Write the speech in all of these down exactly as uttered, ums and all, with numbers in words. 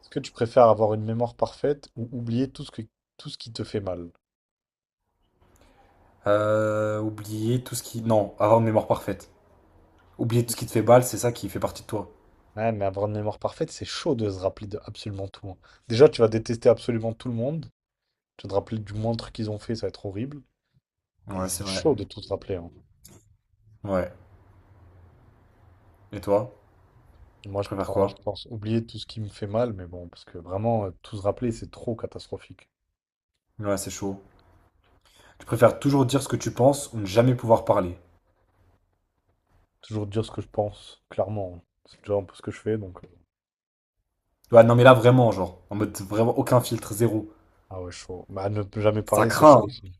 Est-ce que tu préfères avoir une mémoire parfaite ou oublier tout ce que, tout ce qui te fait mal? Euh, oublier tout ce qui... Non, avoir une mémoire parfaite. Oublier tout ce qui te fait balle, c'est ça qui fait partie de toi. Ouais, mais avoir une mémoire parfaite, c'est chaud de se rappeler de absolument tout. hein. Déjà, tu vas détester absolument tout le monde. Tu vas te rappeler du moindre truc qu'ils ont fait, ça va être horrible. Et Ouais, c'est c'est vrai. chaud de tout se rappeler. hein. Ouais. Et toi? Moi, Tu je, préfères prends- je quoi? pense oublier tout ce qui me fait mal, mais bon, parce que vraiment, euh, tout se rappeler, c'est trop catastrophique. Ouais, c'est chaud. Tu préfères toujours dire ce que tu penses ou ne jamais pouvoir parler? Toujours dire ce que je pense, clairement. hein. C'est déjà un peu ce que je fais, donc. euh, Ouais, non, mais là, vraiment, genre, en mode vraiment aucun filtre, zéro. Ah ouais, chaud. Bah, ne jamais Ça parler, c'est chaud craint, hein. aussi.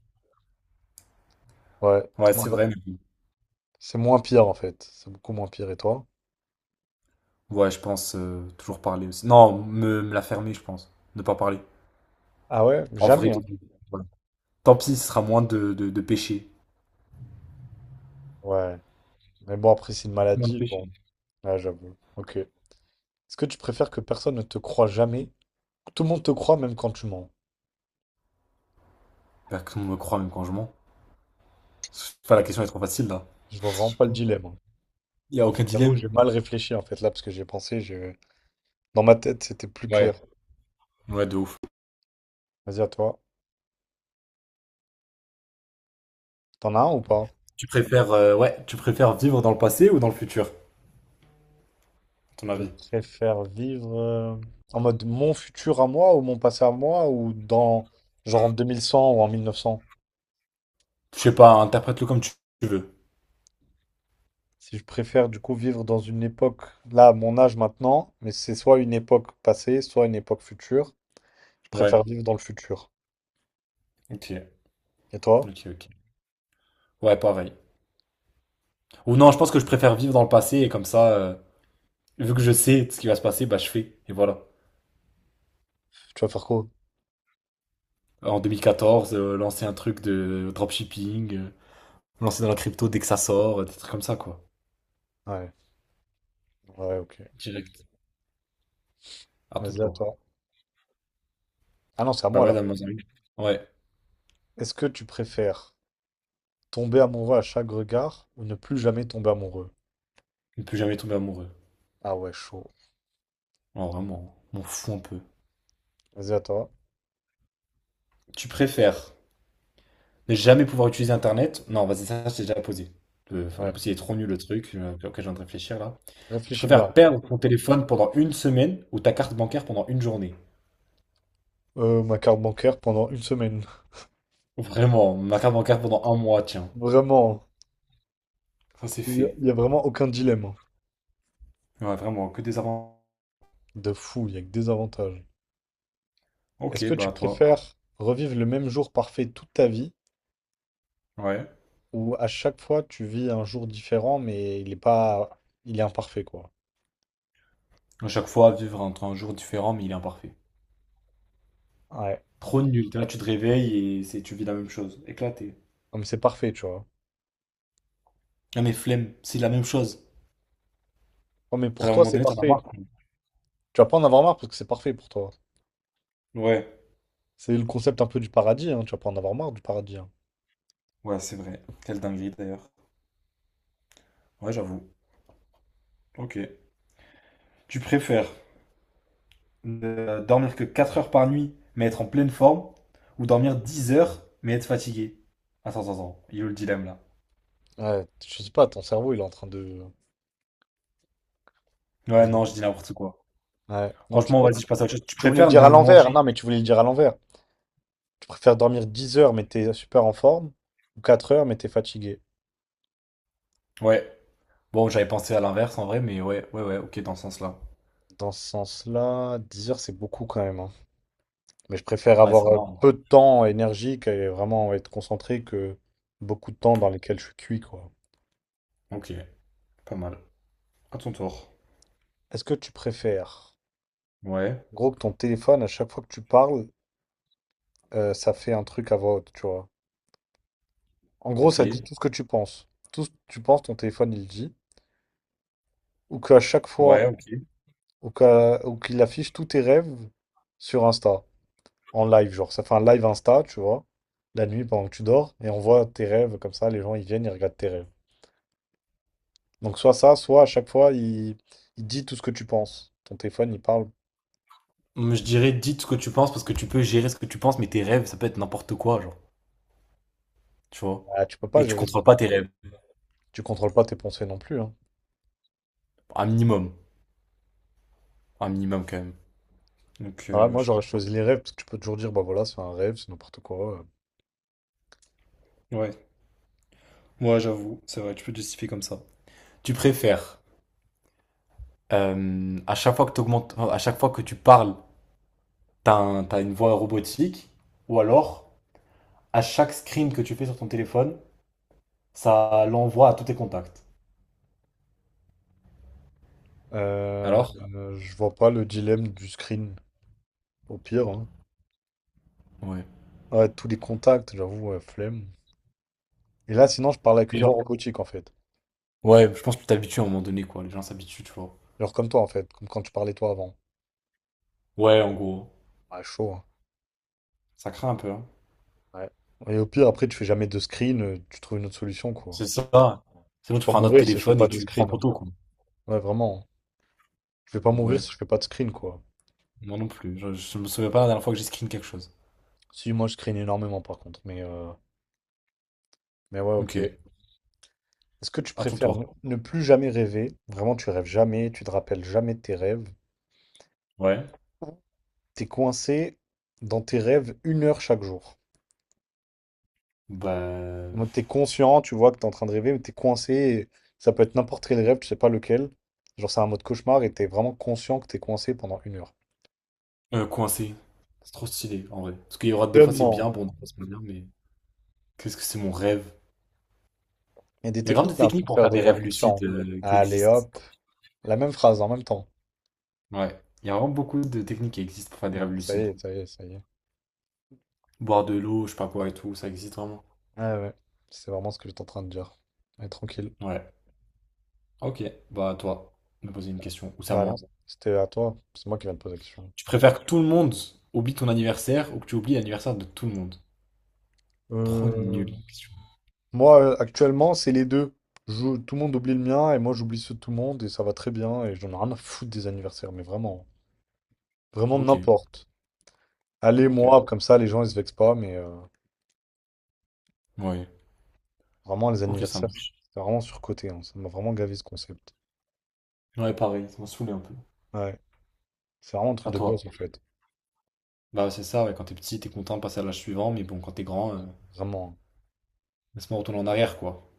Ouais, tout Ouais, le c'est monde va- vrai, mais bon. c'est moins pire en fait. C'est beaucoup moins pire. Et toi? Ouais, je pense euh, toujours parler aussi. Non, me, me la fermer, je pense. Ne pas parler. Ah ouais? En Jamais, vrai, hein. ouais. Tant pis, ce sera moins de, de, de péché. Ouais. Mais bon, après, c'est une maladie. Bon, J'espère là, j'avoue. Ok. Est-ce que tu préfères que personne ne te croie jamais? Que tout le monde te croit même quand tu mens. que tout le monde me croit, même quand je mens. Enfin, la question est trop facile, là. Je vois Je vraiment sais pas le pas. dilemme. hein. Il n'y a aucun J'avoue, dilemme. j'ai mal réfléchi en fait là parce que j'ai pensé, je... dans ma tête, c'était plus Ouais, clair. ouais, de ouf. Vas-y, à toi. T'en as un ou pas? Tu préfères, euh, ouais, tu préfères vivre dans le passé ou dans le futur, à ton Je avis? préfère vivre euh, en mode mon futur à moi ou mon passé à moi ou dans genre en deux mille cent ou en mille neuf cents. Je sais pas, interprète-le comme tu tu veux. Si je préfère du coup vivre dans une époque, là, à mon âge maintenant, mais c'est soit une époque passée, soit une époque future. Je préfère Ouais, vivre dans le futur. ok, Et toi? ok, ok. Ouais, pareil. Ou non, je pense que je préfère vivre dans le passé et comme ça, euh, vu que je sais ce qui va se passer, bah je fais. Et voilà. Tu vas faire quoi? En deux mille quatorze, euh, lancer un truc de dropshipping, euh, lancer dans la crypto dès que ça sort, euh, des trucs comme ça, quoi. Ouais, ouais, ok. Direct. À ton Vas-y, à tour. toi. Ah non, c'est à Bah moi ouais, là. dans ma zone. Ouais. Est-ce que tu préfères tomber amoureux à chaque regard ou ne plus jamais tomber amoureux? Ne plus jamais tomber amoureux. Ah ouais, chaud. Oh, vraiment, m'en fous un peu. Vas-y, à toi. Tu préfères ne jamais pouvoir utiliser Internet. Non, vas-y, ça, c'est déjà posé. Euh, la Ouais. possibilité est trop nul le truc euh, auquel je viens de réfléchir là. Tu Réfléchis bien. préfères perdre ton téléphone pendant une semaine ou ta carte bancaire pendant une journée? Euh, ma carte bancaire pendant une semaine. Vraiment, ma carte bancaire pendant un mois, tiens. Vraiment. Ça, c'est Il n'y a, fait. il y a vraiment aucun dilemme. hein. Ouais, vraiment, que des avantages. De fou, il n'y a que des avantages. Ok, Est-ce que tu bah toi. préfères revivre le même jour parfait toute ta vie Ouais. ou à chaque fois tu vis un jour différent mais il est pas il est imparfait quoi. À chaque fois, vivre entre un jour différent, mais il est imparfait. Ouais, Trop nul. Là, tu te réveilles et c'est, tu vis la même chose. Éclaté. comme c'est parfait, tu vois. Ah, mais flemme, c'est la même chose. Oh, mais T'as pour à un toi moment c'est donné, t'en as parfait. marre, quoi. Tu vas pas en avoir marre parce que c'est parfait pour toi. Ouais, C'est le concept un peu du paradis, hein, tu vas pas en avoir marre du paradis, hein. ouais, c'est vrai. Quelle dinguerie d'ailleurs. Ouais, j'avoue. Ok. Tu préfères euh, dormir que quatre heures par nuit, mais être en pleine forme, ou dormir dix heures, mais être fatigué? Attends, attends, attends, il est où le dilemme là? Ouais, je sais pas, ton cerveau il est en train de. Ouais, Je- non, je dis n'importe quoi. Ouais, non, je Franchement, pense. vas-y, je passe à autre chose. Tu Tu voulais le préfères dire à ne l'envers. Non, manger? mais tu voulais le dire à l'envers. Tu préfères dormir dix heures mais t'es super en forme ou quatre heures mais t'es fatigué. Ouais. Bon, j'avais pensé à l'inverse en vrai, mais ouais, ouais, ouais, ok, dans ce sens-là. Dans ce sens-là, dix heures c'est beaucoup quand même. hein. Mais je préfère Ouais, c'est avoir euh, énorme. peu de temps énergique et vraiment être concentré que beaucoup de temps dans lesquels je suis cuit, quoi. Ok, pas mal. À ton tour. Est-ce que tu préfères, Ouais, en gros, que ton téléphone, à chaque fois que tu parles, euh, ça fait un truc à voix haute, tu vois? En gros, ok. ça dit tout ce que tu penses. Tout ce que tu penses, ton téléphone, il le dit. Ou qu'à chaque fois, Ouais, ok. ou qu'à- ou qu'il affiche tous tes rêves sur Insta. En live, genre, ça fait un live Insta, tu vois, la nuit pendant que tu dors, et on voit tes rêves, comme ça, les gens, ils viennent, ils regardent tes rêves. Donc soit ça, soit à chaque fois, il, il dit tout ce que tu penses. Ton téléphone, il parle. Hum, je dirais, dites ce que tu penses parce que tu peux gérer ce que tu penses, mais tes rêves, ça peut être n'importe quoi, genre, tu vois. Ah, tu peux pas Et tu gérer ce contrôles pas truc. tes rêves. Tu contrôles pas tes pensées non plus, hein. Un minimum. Un minimum quand même. Donc, Voilà, euh, ouais, moi, je sais j'aurais pas. choisi les rêves, parce que tu peux toujours dire, bah voilà, c'est un rêve, c'est n'importe quoi. euh. Ouais, moi j'avoue, c'est vrai, tu peux te justifier comme ça. Tu préfères, euh, à chaque fois que t'augmentes- enfin, à chaque fois que tu parles, t'as un- t'as une voix robotique, ou alors, à chaque screen que tu fais sur ton téléphone, ça l'envoie à tous tes contacts. Euh, Alors? Euh, je vois pas le dilemme du screen, au pire. hein. Ouais. Ah, ouais, tous les contacts, j'avoue, ouais, flemme. Et là, sinon, je parle avec Et une voix genre... robotique, en fait. Ouais, je pense que tu t'habitues à un moment donné, quoi. Les gens s'habituent, tu vois. Genre comme toi, en fait, comme quand tu parlais toi avant. Ouais, en gros. Ah, chaud, hein. Ça craint un peu, hein. Ouais. Et au pire, après, tu fais jamais de screen, euh, tu trouves une autre solution, quoi. C'est ça. Je Sinon, vais tu pas prends un autre mourir si je fais téléphone pas et de tu prends screen. hein. photo, quoi. Ouais, vraiment. hein. Je vais pas Donc, mourir ouais. si je fais pas de screen, quoi. Moi non plus. Je, je me souviens pas la dernière fois que j'ai screen quelque chose. Si, moi, je screen énormément, par contre. Mais, euh, mais ouais, Ok. ok. Est-ce que tu À ton préfères ne tour. ne plus jamais rêver? Vraiment, tu rêves jamais, tu te rappelles jamais de tes rêves. Ouais. T'es coincé dans tes rêves une heure chaque jour. Bah, Donc t'es conscient, tu vois que t'es en train de rêver, mais t'es coincé, et ça peut être n'importe quel rêve, je sais pas lequel. Genre c'est un mode cauchemar et t'es vraiment conscient que t'es coincé pendant une heure. euh, coincé. C'est trop stylé, en vrai. Parce qu'il y aura des fois c'est bien, Vraiment. bon, des fois c'est pas bien, mais qu'est-ce que c'est mon rêve? Il y a des Il y a vraiment techniques des là techniques pour pour faire faire des des rêves rêves lucides conscients. euh, qui Allez existent. hop, la même phrase en même temps. Ouais, il y a vraiment beaucoup de techniques qui existent pour faire des rêves Non, ça y lucides. est, ça y est, ça y est. Boire de l'eau, je sais pas quoi et tout, ça existe vraiment. Ah ouais, c'est vraiment ce que j'étais en train de dire. Mais tranquille. Ouais. Ok, bah à toi, de me poser une question, ou c'est à Bah non, moi. c'était à toi. C'est moi qui viens de poser la question. Tu préfères que tout le monde oublie ton anniversaire ou que tu oublies l'anniversaire de tout le monde? Trop Euh, nul, question. Moi, euh, actuellement, c'est les deux. Je- tout le monde oublie le mien et moi, j'oublie ceux de tout le monde et ça va très bien et j'en ai rien à foutre des anniversaires, mais vraiment, vraiment Ok, n'importe. Allez, ok. moi, comme ça, les gens, ils se vexent pas, mais euh, Ouais, vraiment, les ok, ça anniversaires, marche. c'est vraiment surcoté, hein. Ça m'a vraiment gavé ce concept. Ouais, pareil, ça m'a saoulé un peu. Ouais, c'est vraiment un truc À de toi. gosse, en fait. Bah, c'est ça, ouais, quand t'es petit, t'es content de passer à l'âge suivant, mais bon, quand t'es grand, euh, Vraiment. hein. laisse-moi retourner en arrière, quoi.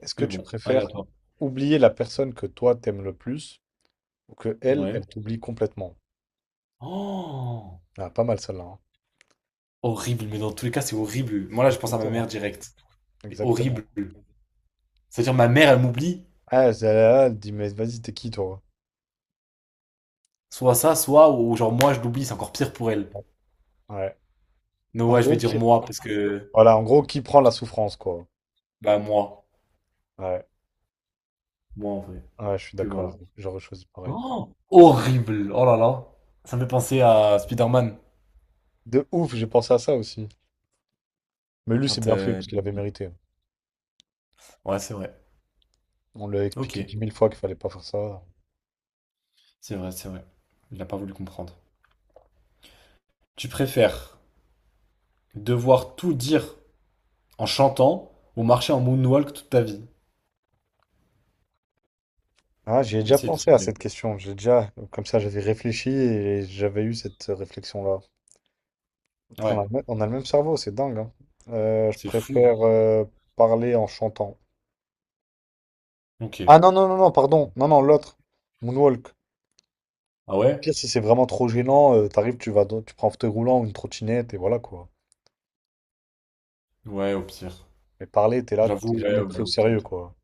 Est-ce que Mais tu bon, allez à préfères toi. oublier la personne que toi, t'aimes le plus ou que elle, Ouais. elle t'oublie complètement? Oh! Ah, pas mal celle-là. hein. Horrible, mais dans tous les cas, c'est horrible. Moi, là, je pense à ma Exactement. mère direct. Mais Exactement. horrible. C'est-à-dire, ma mère, elle m'oublie. Ah, celle-là, elle dit, mais vas-y, t'es qui, toi? Soit ça, soit, ou genre, moi, je l'oublie, c'est encore pire pour elle. Ouais. Non En ouais, je gros, vais dire ok. moi, parce que, Voilà, en gros, qui prend la souffrance, quoi. bah, moi. Ouais, Moi, en vrai. ouais, je suis Puis voilà. d'accord. J'aurais choisi pareil. Oh! Horrible! Oh là là. Ça me fait penser à Spider-Man, De ouf, j'ai pensé à ça aussi. Mais lui, c'est quand bien fait, euh, parce qu'il il avait oublie. mérité. Ouais, c'est vrai. On lui a Ok. expliqué dix mille fois qu'il fallait pas faire ça. C'est vrai, c'est vrai. Il a pas voulu comprendre. Tu préfères devoir tout dire en chantant ou marcher en moonwalk toute ta vie? Ah, j'y ai déjà Essaye de pensé à trouver. cette question. J'ai déjà, comme ça, j'avais réfléchi et j'avais eu cette réflexion-là. Putain, On a Ouais, le même on a le même cerveau, c'est dingue. hein. Euh, je c'est fou. préfère euh, parler en chantant. Ok. Ah non, non, non, non, pardon. Non, non, l'autre. Moonwalk. Ah Au ouais? pire, si c'est vraiment trop gênant, euh, t'arrives, tu vas, dans- tu prends un fauteuil roulant ou une trottinette et voilà quoi. Ouais, au pire. Mais parler, t'es là, J'avoue, t'es ouais, jamais ouais. pris au sérieux quoi.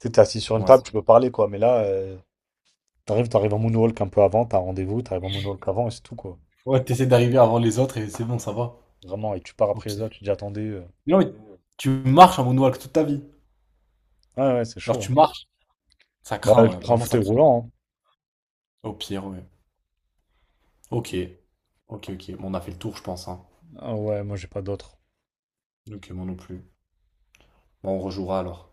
Tu sais, t'es assis sur une Ouais, table, c'est- tu peux parler quoi. Mais là, euh, t'arrives, t'arrives en moonwalk un peu avant, t'as un rendez-vous, t'arrives en moonwalk avant et c'est tout quoi. ouais, t'essaies d'arriver avant les autres et c'est bon, ça va. Vraiment, et tu pars après les autres, tu dis attendez. euh. Non, mais tu marches en moonwalk toute ta vie. Ouais, ouais, c'est Alors chaud. tu hein. marches, ça Bah, craint, je ouais, prends un vraiment ça fauteuil craint. roulant. Au pire, ouais. Ok, ok, ok. Bon, on a fait le tour, je pense, hein. Hein. Ah ouais, moi j'ai pas d'autre. Ok, moi non plus. Bon, on rejouera alors.